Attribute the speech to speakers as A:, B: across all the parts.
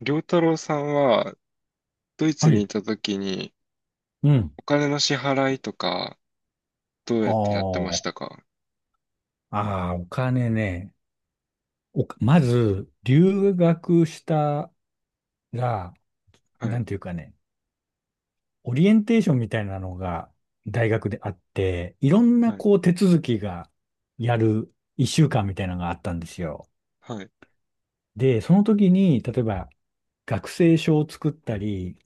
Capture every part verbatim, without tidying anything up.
A: 良太郎さんはドイツ
B: は
A: に
B: い。
A: いた時に
B: うん。
A: お金の支払いとかどう
B: あ
A: やってやってました
B: あ。
A: か？
B: ああ、お金ね。おか、まず、留学したら、
A: は
B: な
A: い、
B: んていうかね、オリエンテーションみたいなのが大学であって、いろんな
A: はい、
B: こう手続きがやるいっしゅうかんみたいなのがあったんですよ。
A: はい。
B: で、その時に、例えば学生証を作ったり、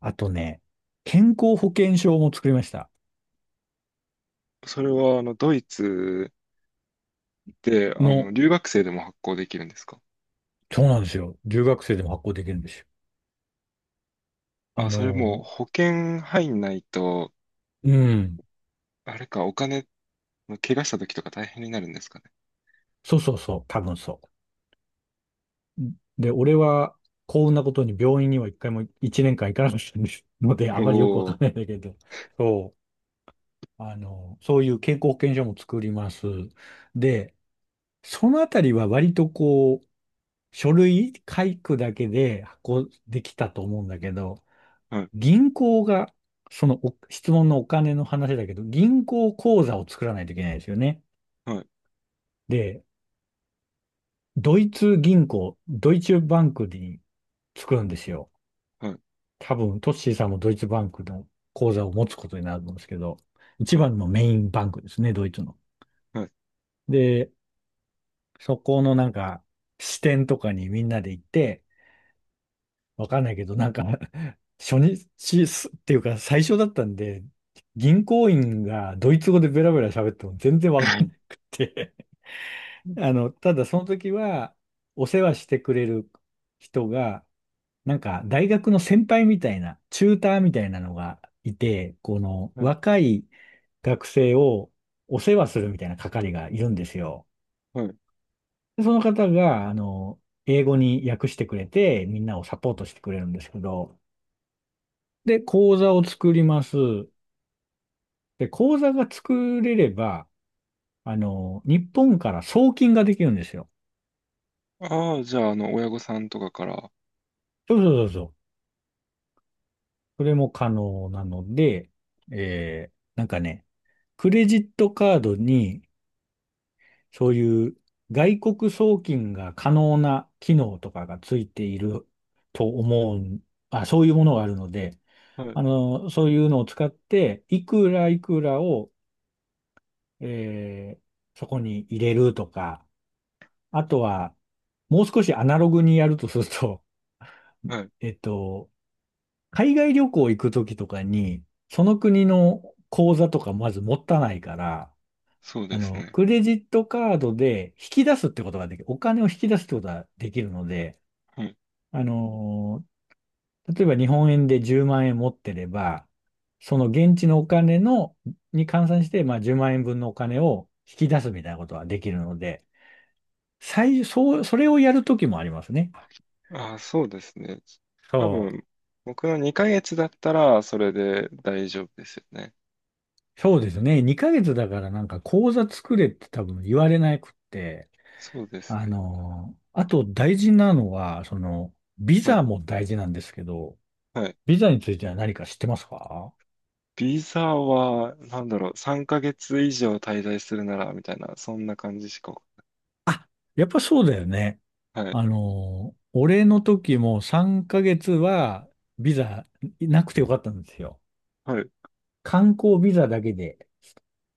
B: あとね、健康保険証も作りました。
A: それはあのドイツであの
B: の、
A: 留学生でも発行できるんですか？
B: そうなんですよ。留学生でも発行できるんですよ。あ
A: あ、それもう
B: の、
A: 保険入んないと、
B: うん。
A: あれかお金、怪我した時とか大変になるんですかね。
B: そうそうそう、多分そう。で、俺は幸運なことに病院にはいっかいもいちねんかん行かなかったんですので、あ
A: お
B: まりよくわかん
A: お、
B: ないんだけど、そう、あの、そういう健康保険証も作ります。で、そのあたりは割とこう、書類書くだけで発行できたと思うんだけど、
A: はい、
B: 銀行が、そのお質問のお金の話だけど、銀行口座を作らないといけないですよね。
A: はい、
B: で、ドイツ銀行、ドイツバンクに作るんですよ。
A: はい、
B: 多分、トッシーさんもドイツバンクの口座を持つことになるんですけど、一
A: はい、
B: 番のメインバンクですね、ドイツの。
A: はい。
B: で、そこのなんか、支店とかにみんなで行って、わかんないけど、なんか 初日すっていうか最初だったんで、銀行員がドイツ語でベラベラ喋っても全然わかんなく て あの、ただその時は、お世話してくれる人が、なんか、大学の先輩みたいな、チューターみたいなのがいて、この
A: はい、
B: 若い学生をお世話するみたいな係がいるんですよ。
A: はい。
B: で、その方が、あの、英語に訳してくれて、みんなをサポートしてくれるんですけど、で、講座を作ります。で、講座が作れれば、あの、日本から送金ができるんですよ。
A: ああ、じゃあ、あの、親御さんとかから、
B: そうそうそうそう。それも可能なので、えー、なんかね、クレジットカードに、そういう外国送金が可能な機能とかがついていると思うん、あ、そういうものがあるので、
A: はい、
B: あの、そういうのを使って、いくらいくらを、えーそこに入れるとか、あとは、もう少しアナログにやるとすると、
A: はい、
B: えっと、海外旅行行くときとかに、その国の口座とかまず持たないから、
A: そう
B: あ
A: です
B: の、
A: ね。
B: クレジットカードで引き出すってことができる。お金を引き出すってことができるので、あのー、例えば日本円でじゅうまん円持ってれば、その現地のお金の、に換算して、まあじゅうまん円分のお金を引き出すみたいなことができるので、最、そう、それをやるときもありますね。
A: ああ、そうですね。多
B: そう。
A: 分、僕のにかげつだったら、それで大丈夫ですよね。
B: そうですね。にかげつだからなんか口座作れって多分言われなくって、
A: そうです
B: あ
A: ね。
B: のー、あと大事なのは、その、ビ
A: は
B: ザ
A: い。
B: も大事なんですけど、
A: はい。
B: ビザについては何か知ってますか？
A: ビザは、なんだろう、さんかげつ以上滞在するなら、みたいな、そんな感じしか。
B: あ、やっぱそうだよね。
A: はい。
B: あの俺の時もさんかげつはビザなくてよかったんですよ。
A: はい。
B: 観光ビザだけで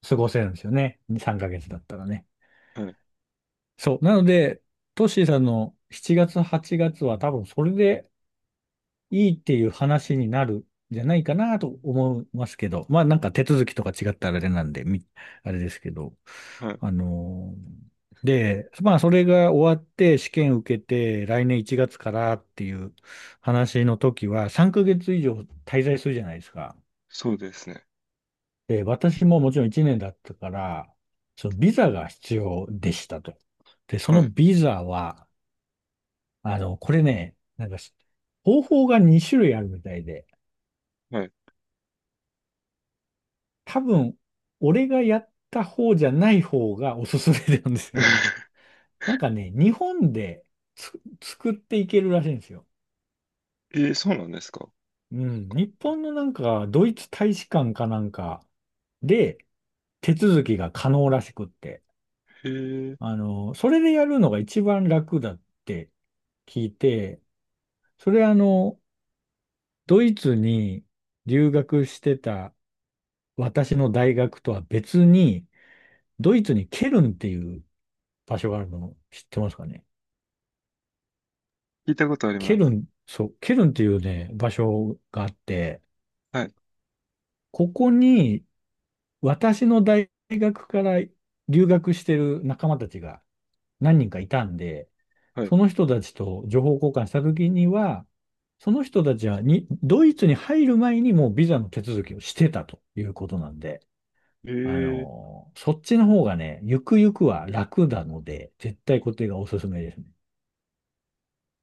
B: 過ごせるんですよね。さんかげつだったらね。
A: はい。
B: そう。なので、トッシーさんのしちがつ、はちがつは多分それでいいっていう話になるんじゃないかなと思いますけど、まあなんか手続きとか違ったらあれなんで、みあれですけど、
A: はい。
B: あのー、で、まあそれが終わって試験受けて来年いちがつからっていう話の時はさんかげつ以上滞在するじゃないですか。
A: そうですね。
B: で、私ももちろんいちねんだったから、そのビザが必要でしたと。で、そ
A: は
B: の
A: い。
B: ビザは、あの、これね、なんかし方法がに種類あるみたいで、
A: はい。
B: 多分、俺がやった方じゃない方がおすすめなんですけど。なんかね、日本でつ作っていけるらしいんですよ。
A: えー、そうなんですか？
B: うん。
A: か
B: 日
A: あ、
B: 本のなんか、ドイツ大使館かなんかで、手続きが可能らしくって。
A: へえ、
B: あの、それでやるのが一番楽だって聞いて、それあの、ドイツに留学してた私の大学とは別に、ドイツにケルンっていう場所があるの知ってますかね？
A: 聞いたことあり
B: ケ
A: ま
B: ル
A: す。
B: ン、そう、ケルンっていうね、場所があって、
A: はい。
B: ここに私の大学から留学してる仲間たちが何人かいたんで、
A: はい。
B: その人たちと情報交換した時には、その人たちはに、ドイツに入る前にもうビザの手続きをしてたということなんで、
A: え
B: あの
A: ー、
B: ーそっちの方がね、ゆくゆくは楽なので、絶対こっちがおすすめですね。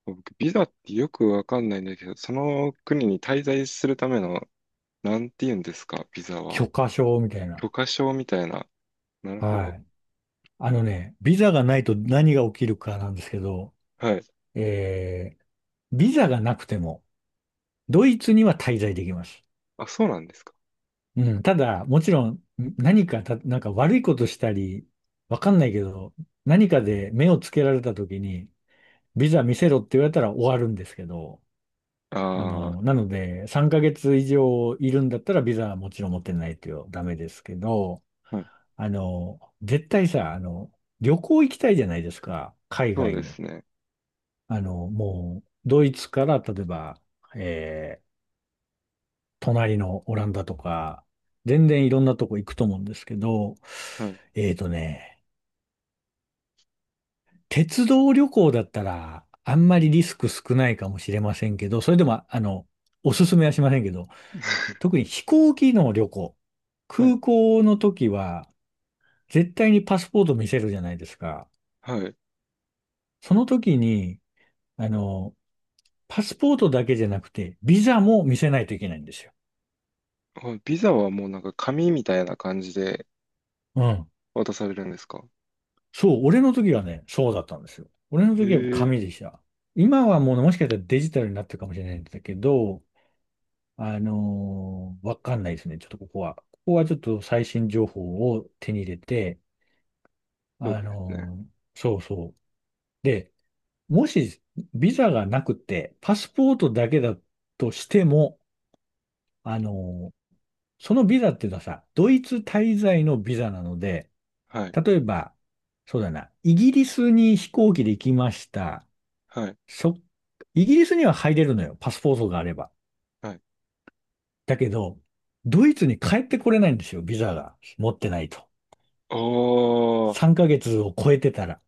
A: 僕、ビザってよくわかんないんだけど、その国に滞在するためのなんて言うんですか、ビザ
B: 許
A: は。
B: 可証みたいな。
A: 許可証みたいな。なるほ
B: は
A: ど。
B: い。あのね、ビザがないと何が起きるかなんですけど、
A: はい。
B: えービザがなくても、ドイツには滞在できます。
A: あ、そうなんですか。
B: うん、ただ、もちろん、何かた、なんか悪いことしたり、わかんないけど、何かで目をつけられた時に、ビザ見せろって言われたら終わるんですけど、あ
A: あ
B: の、なので、さんかげつ以上いるんだったら、ビザはもちろん持ってないとダメですけど、
A: あ、はい。
B: あの、絶対さ、あの、旅行行きたいじゃないですか、海
A: そう
B: 外
A: で
B: に。
A: すね。
B: あの、もう、ドイツから、例えば、えー隣のオランダとか、全然いろんなとこ行くと思うんですけど、
A: はい。
B: えーとね、鉄道旅行だったら、あんまりリスク少ないかもしれませんけど、それでも、あの、おすすめはしませんけど、特に飛行機の旅行、
A: はい。
B: 空港の時は、絶対にパスポート見せるじゃないですか。
A: はい。
B: その時に、あの、パスポートだけじゃなくて、ビザも見せないといけないんですよ。
A: あ、ビザはもうなんか紙みたいな感じで
B: うん。
A: 渡されるんですか？
B: そう、俺の時はね、そうだったんですよ。俺の
A: へ
B: 時は
A: え、
B: 紙でした。今はもうねもしかしたらデジタルになってるかもしれないんだけど、あのーわかんないですね。ちょっとここは。ここはちょっと最新情報を手に入れて、
A: そう
B: あ
A: ですね。
B: のーそうそう。で、もしビザがなくて、パスポートだけだとしても、あのーそのビザっていうのはさ、ドイツ滞在のビザなので、
A: はい。
B: 例えば、そうだな、イギリスに飛行機で行きました。
A: はい。
B: そ、イギリスには入れるのよ、パスポートがあれば。
A: はい。
B: だけど、ドイツに帰ってこれないんですよ、ビザが持ってないと。
A: ああ、
B: さんかげつを超えてたら。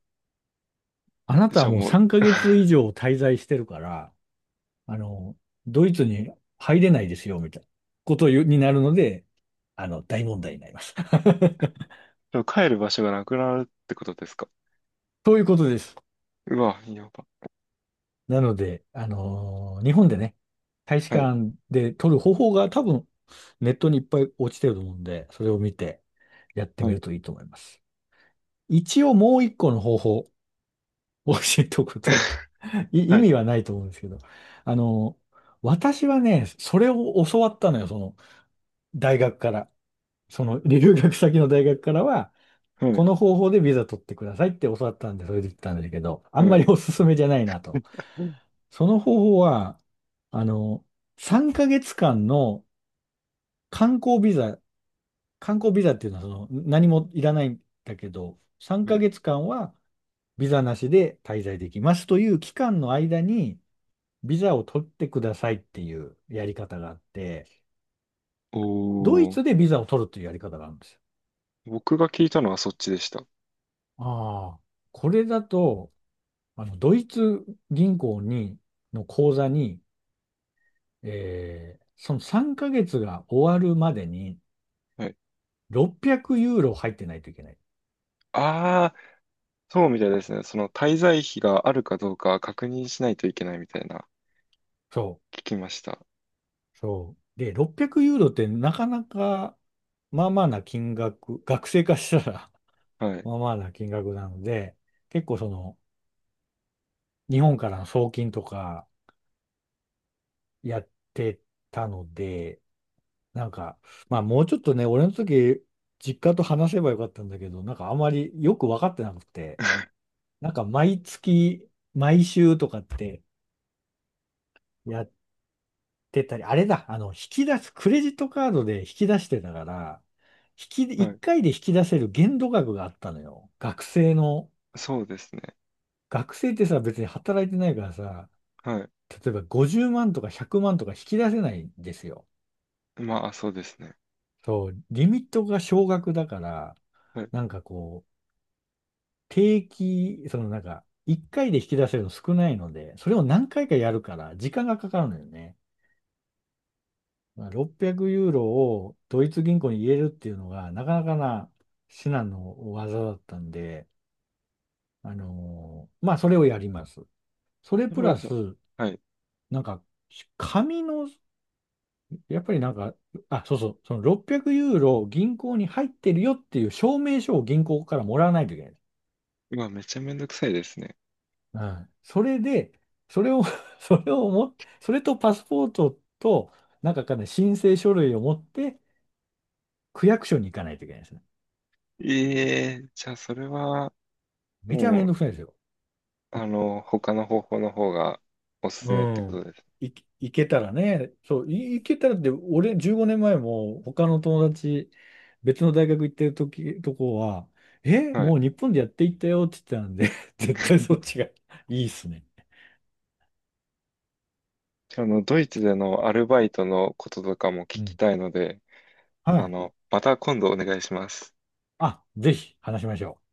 B: あなた
A: じ
B: は
A: ゃあ
B: もう
A: もう、
B: さんかげつ以上滞在してるから、あの、ドイツに入れないですよ、みたいなことになるので、あの、大問題になります。
A: じゃあ帰る場所がなくなるってことですか？
B: ということです。
A: うわ、やば。
B: なので、あのー日本でね、大使
A: はい。
B: 館で撮る方法が多分ネットにいっぱい落ちてると思うんで、それを見てやって
A: は
B: み
A: い。
B: るといいと思います。一応もう一個の方法 を教えておくと、い
A: は
B: 意
A: い。
B: 味はないと思うんですけど、あのー私はね、それを教わったのよ、その大学から。その留学先の大学からは、
A: は
B: こ
A: い。
B: の方法でビザ取ってくださいって教わったんで、それで行ったんだけど、あん
A: は
B: まり
A: い。
B: おすすめじゃないなと。その方法は、あの、さんかげつかんの観光ビザ、観光ビザっていうのはその何もいらないんだけど、3
A: はい。
B: ヶ月間はビザなしで滞在できますという期間の間にビザを取ってくださいっていうやり方があって、
A: お
B: ドイ
A: おー、
B: ツでビザを取るというやり方があるんですよ。
A: 僕が聞いたのはそっちでした。
B: ああ、これだとあの、ドイツ銀行に、の口座に、えーそのさんかげつが終わるまでに
A: はい。
B: ろっぴゃくユーロ入ってないといけない。
A: ああ、そうみたいですね。その滞在費があるかどうか確認しないといけないみたいな、
B: そ
A: 聞きました。
B: う、そう。で、ろっぴゃくユーロってなかなか、まあまあな金額、学生化したら
A: は い。
B: まあまあな金額なので、結構その、日本からの送金とかやってたので、なんか、まあもうちょっとね、俺の時、実家と話せばよかったんだけど、なんかあまりよく分かってなくて、なんか毎月、毎週とかってやってたり、あれだ、あの、引き出す、クレジットカードで引き出してたから、引き、
A: は
B: 1
A: い。
B: 回で引き出せる限度額があったのよ。学生の、
A: そうですね。
B: 学生ってさ、別に働いてないからさ、
A: は
B: 例えばごじゅうまんとかひゃくまんとか引き出せないんですよ。
A: い。まあ、そうですね。
B: そう、リミットが少額だから、
A: はい。
B: なんかこう、定期、そのなんか、いっかいで引き出せるの少ないので、それを何回かやるから、時間がかかるのよね。まあ、ろっぴゃくユーロをドイツ銀行に入れるっていうのが、なかなかな至難の技だったんで、あのーまあ、それをやります。それ
A: それ
B: プ
A: は
B: ラ
A: でも、
B: ス、
A: はい。
B: なんか、紙の、やっぱりなんか、あ、そうそう、そのろっぴゃくユーロ銀行に入ってるよっていう証明書を銀行からもらわないといけない。
A: まあ、めちゃめんどくさいですね。
B: うん。それで、それを それをも、それとパスポートと、なんかかね、申請書類を持って、区役所に行かないといけないですね。
A: ええ、じゃあ、それは、
B: めちゃ
A: も
B: めん
A: う、
B: どくさいですよ。
A: あの、他の方法の方がおすす
B: う
A: めってこと
B: ん。
A: です。
B: い、いけたらね。そう、い、いけたらって、俺、じゅうごねんまえも他の友達、別の大学行ってる時、とこは、え、
A: はい。
B: もう日本でやっていったよって言ってたんで、絶対そっちがいいっすね。
A: あの、ドイツでのアルバイトのこととかも
B: う
A: 聞き
B: ん。
A: たいので、
B: は
A: あ
B: い。
A: の、また今度お願いします。
B: あ、ぜひ話しましょう。